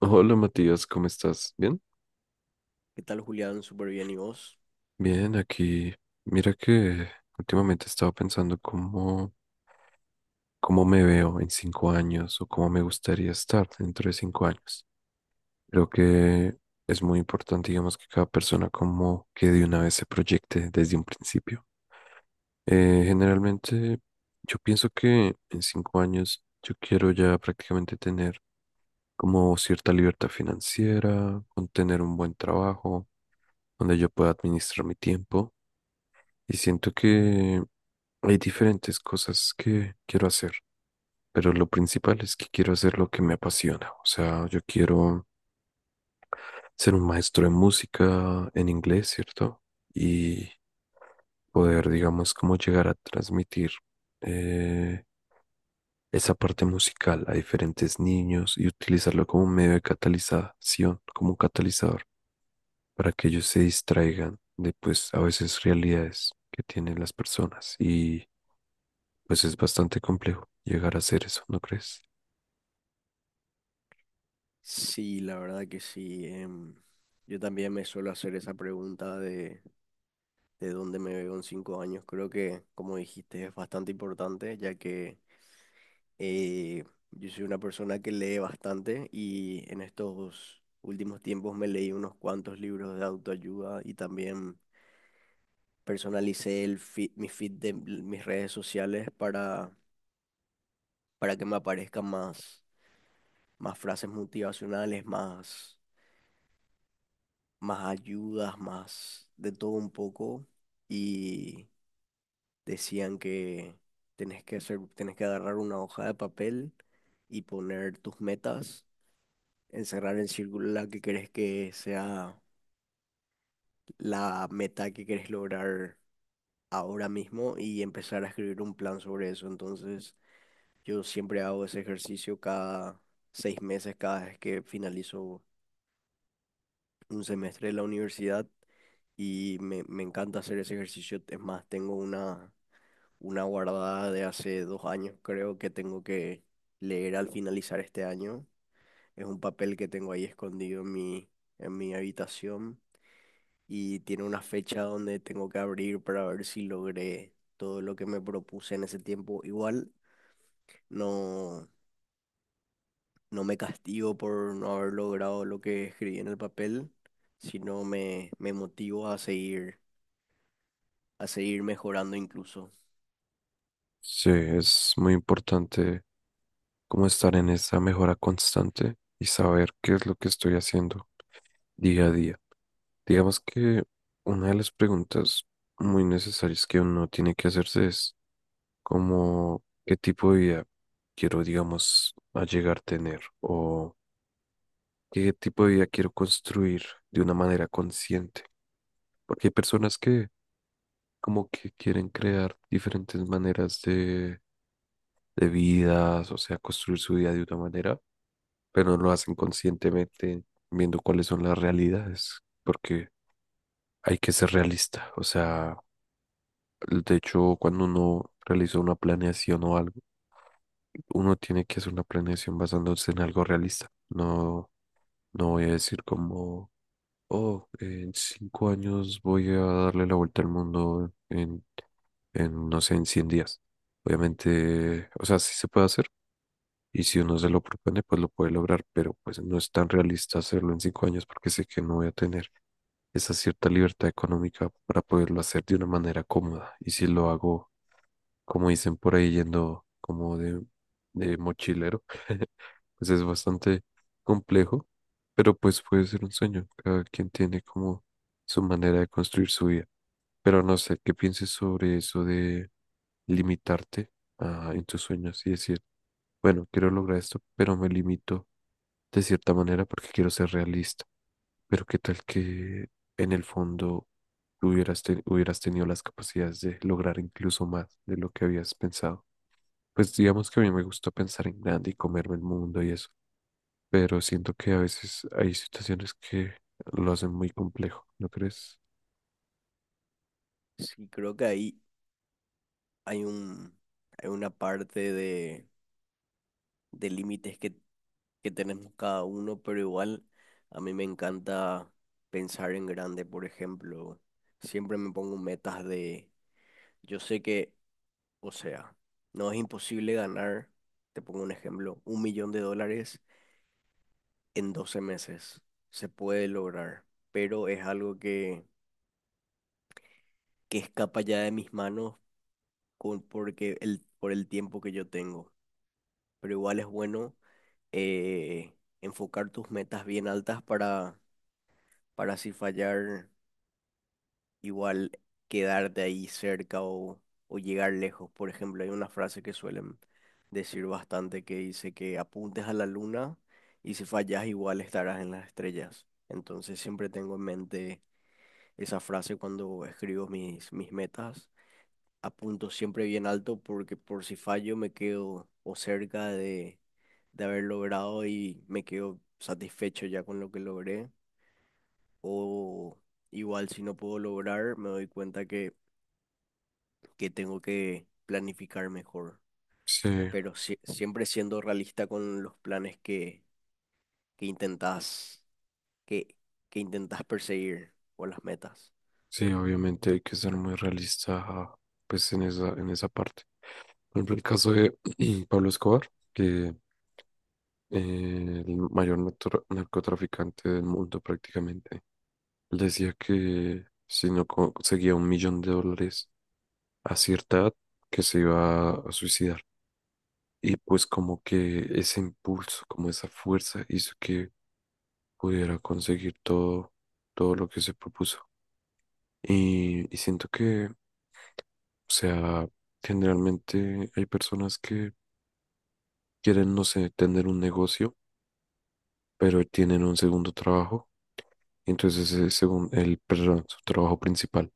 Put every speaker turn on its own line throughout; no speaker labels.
Hola Matías, ¿cómo estás? ¿Bien?
¿Qué tal, Julián? Súper bien, ¿y vos?
Bien, aquí. Mira que últimamente estaba pensando cómo me veo en 5 años o cómo me gustaría estar dentro de 5 años. Creo que es muy importante, digamos, que cada persona como que de una vez se proyecte desde un principio. Generalmente yo pienso que en 5 años yo quiero ya prácticamente tener como cierta libertad financiera, con tener un buen trabajo donde yo pueda administrar mi tiempo. Y siento que hay diferentes cosas que quiero hacer, pero lo principal es que quiero hacer lo que me apasiona. O sea, yo quiero ser un maestro de música en inglés, ¿cierto? Y poder, digamos, como llegar a transmitir eh, esa parte musical a diferentes niños y utilizarlo como un medio de catalización, como un catalizador, para que ellos se distraigan de, pues, a veces realidades que tienen las personas. Pues es bastante complejo llegar a hacer eso, ¿no crees?
Sí, la verdad que sí. Yo también me suelo hacer esa pregunta de dónde me veo en 5 años. Creo que, como dijiste, es bastante importante, ya que eh, yo soy una persona que lee bastante y en estos últimos tiempos me leí unos cuantos libros de autoayuda y también personalicé el feed- mi feed de l- mis redes sociales para que me aparezcan más frases motivacionales, más ayudas, más de todo un poco, y decían que tenés que agarrar una hoja de papel y poner tus metas, encerrar en círculo la que querés que sea la meta que querés lograr ahora mismo y empezar a escribir un plan sobre eso. Entonces, yo siempre hago ese ejercicio cada 6 meses, cada vez que finalizo un semestre de la universidad y me encanta hacer ese ejercicio. Es más, tengo una guardada de hace 2 años, creo que tengo que leer al finalizar este año. Es un papel que tengo ahí escondido en en mi habitación y tiene una fecha donde tengo que abrir para ver si logré todo lo que me propuse en ese tiempo. Igual no, no me castigo por no haber logrado lo que escribí en el papel, sino me motivo a seguir mejorando incluso.
Sí, es muy importante como estar en esa mejora constante y saber qué es lo que estoy haciendo día a día. Digamos que una de las preguntas muy necesarias que uno tiene que hacerse es como qué tipo de vida quiero, digamos, a llegar a tener o qué tipo de vida quiero construir de una manera consciente. Porque hay personas que como que quieren crear diferentes maneras de vidas, o sea, construir su vida de una manera, pero no lo hacen conscientemente viendo cuáles son las realidades, porque hay que ser realista, o sea, de hecho, cuando uno realiza una planeación o algo, uno tiene que hacer una planeación basándose en algo realista, no, no voy a decir como, oh, en 5 años voy a darle la vuelta al mundo en, no sé, en 100 días. Obviamente, o sea, sí se puede hacer y si uno se lo propone, pues lo puede lograr, pero pues no es tan realista hacerlo en 5 años porque sé que no voy a tener esa cierta libertad económica para poderlo hacer de una manera cómoda. Y si lo hago como dicen por ahí, yendo como de mochilero, pues es bastante complejo, pero pues puede ser un sueño. Cada quien tiene como su manera de construir su vida. Pero no sé, ¿qué pienses sobre eso de limitarte en tus sueños y decir, bueno, quiero lograr esto, pero me limito de cierta manera porque quiero ser realista? Pero qué tal que en el fondo hubieras tenido las capacidades de lograr incluso más de lo que habías pensado. Pues digamos que a mí me gusta pensar en grande y comerme el mundo y eso, pero siento que a veces hay situaciones que lo hacen muy complejo, ¿no crees?
Sí, creo que ahí hay un, hay una parte de límites que tenemos cada uno, pero igual a mí me encanta pensar en grande, por ejemplo. Siempre me pongo metas yo sé que, o sea, no es imposible ganar, te pongo un ejemplo, 1 millón de dólares en 12 meses. Se puede lograr, pero es algo que escapa ya de mis manos porque por el tiempo que yo tengo. Pero igual es bueno eh, enfocar tus metas bien altas para si fallar, igual quedarte ahí cerca o llegar lejos. Por ejemplo, hay una frase que suelen decir bastante que dice que apuntes a la luna y si fallas igual estarás en las estrellas. Entonces siempre tengo en mente esa frase cuando escribo mis metas apunto siempre bien alto porque por si fallo me quedo o cerca de haber logrado y me quedo satisfecho ya con lo que logré. O igual si no puedo lograr, me doy cuenta que tengo que planificar mejor.
Sí,
Pero siempre siendo realista con los planes que intentas, que, que intentas perseguir o las metas.
sí, obviamente hay que ser muy realista, pues en esa parte. Por ejemplo, el caso de Pablo Escobar, que el mayor narcotraficante del mundo prácticamente, él decía que si no conseguía 1 millón de dólares a cierta edad que se iba a suicidar. Y pues como que ese impulso, como esa fuerza hizo que pudiera conseguir todo, todo lo que se propuso. Y siento que, o sea, generalmente hay personas que quieren, no sé, tener un negocio, pero tienen un segundo trabajo. Y entonces ese el, perdón, su trabajo principal.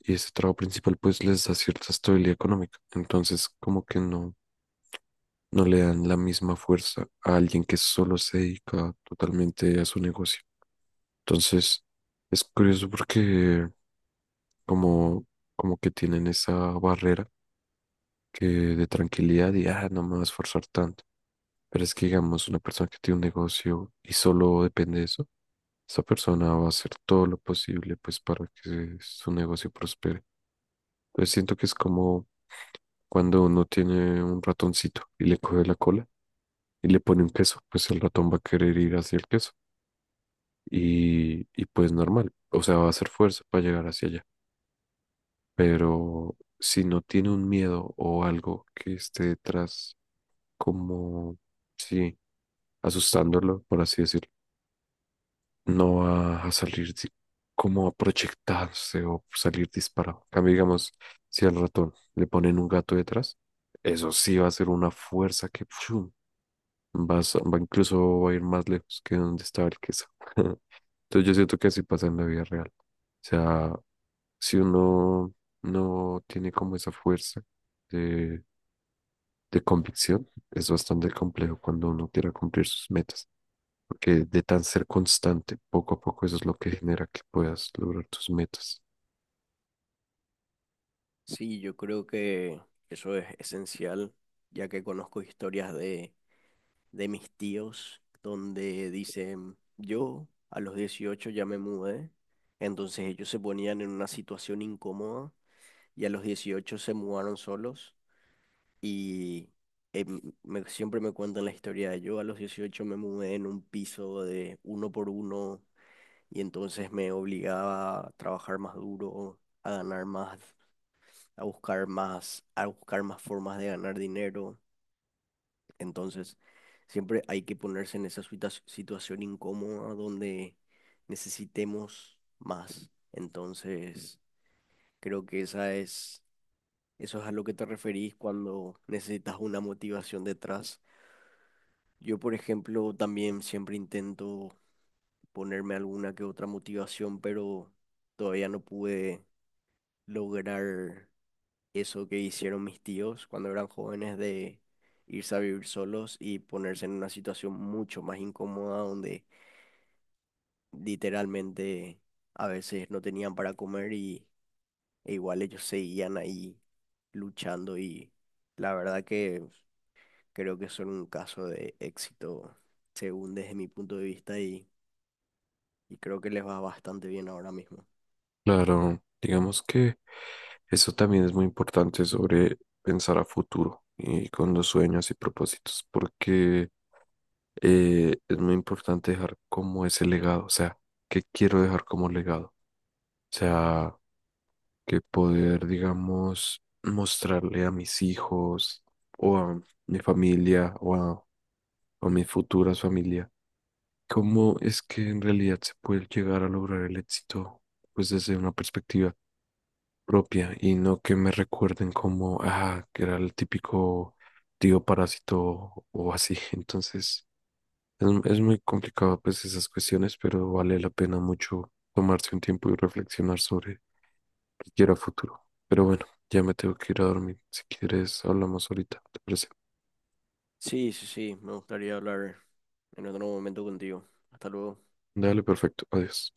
Y ese trabajo principal pues les da cierta estabilidad económica. Entonces como que no le dan la misma fuerza a alguien que solo se dedica totalmente a su negocio. Entonces, es curioso porque como, como que tienen esa barrera que de tranquilidad y, ah, no me voy a esforzar tanto. Pero es que, digamos, una persona que tiene un negocio y solo depende de eso, esa persona va a hacer todo lo posible pues para que su negocio prospere. Entonces siento que es como cuando uno tiene un ratoncito y le coge la cola y le pone un queso, pues el ratón va a querer ir hacia el queso. Y pues normal, o sea, va a hacer fuerza para llegar hacia allá, pero si no tiene un miedo o algo que esté detrás, como, sí, asustándolo, por así decirlo, no va a salir como a proyectarse o salir disparado. En cambio, digamos, si al ratón le ponen un gato detrás, eso sí va a ser una fuerza que, ¡fum! Va incluso va a ir más lejos que donde estaba el queso. Entonces yo siento que así pasa en la vida real. O sea, si uno no tiene como esa fuerza de, de convicción, es bastante complejo cuando uno quiera cumplir sus metas, porque de tan ser constante, poco a poco eso es lo que genera que puedas lograr tus metas.
Sí, yo creo que eso es esencial, ya que conozco historias de mis tíos donde dicen, yo a los 18 ya me mudé, entonces ellos se ponían en una situación incómoda y a los 18 se mudaron solos y siempre me cuentan la historia de yo a los 18 me mudé en un piso de 1 por 1 y entonces me obligaba a trabajar más duro, a ganar más, a buscar más, a buscar más formas de ganar dinero. Entonces, siempre hay que ponerse en esa situación incómoda donde necesitemos más. Entonces, creo que eso es a lo que te referís cuando necesitas una motivación detrás. Yo, por ejemplo, también siempre intento ponerme alguna que otra motivación, pero todavía no pude lograr eso que hicieron mis tíos cuando eran jóvenes de irse a vivir solos y ponerse en una situación mucho más incómoda donde literalmente a veces no tenían para comer y e igual ellos seguían ahí luchando y la verdad que creo que son un caso de éxito según desde mi punto de vista y creo que les va bastante bien ahora mismo.
Claro, digamos que eso también es muy importante sobre pensar a futuro y con los sueños y propósitos, porque es muy importante dejar como ese legado, o sea, qué quiero dejar como legado, o sea, que poder, digamos, mostrarle a mis hijos o a mi familia o a mis futuras familias, cómo es que en realidad se puede llegar a lograr el éxito, pues desde una perspectiva propia y no que me recuerden como, ah, que era el típico tío parásito o así, entonces. Es muy complicado pues esas cuestiones, pero vale la pena mucho tomarse un tiempo y reflexionar sobre qué quiero a futuro. Pero bueno, ya me tengo que ir a dormir. Si quieres, hablamos ahorita, ¿te parece?
Sí, sí, sí, me gustaría hablar en otro momento contigo. Hasta luego.
Dale, perfecto. Adiós.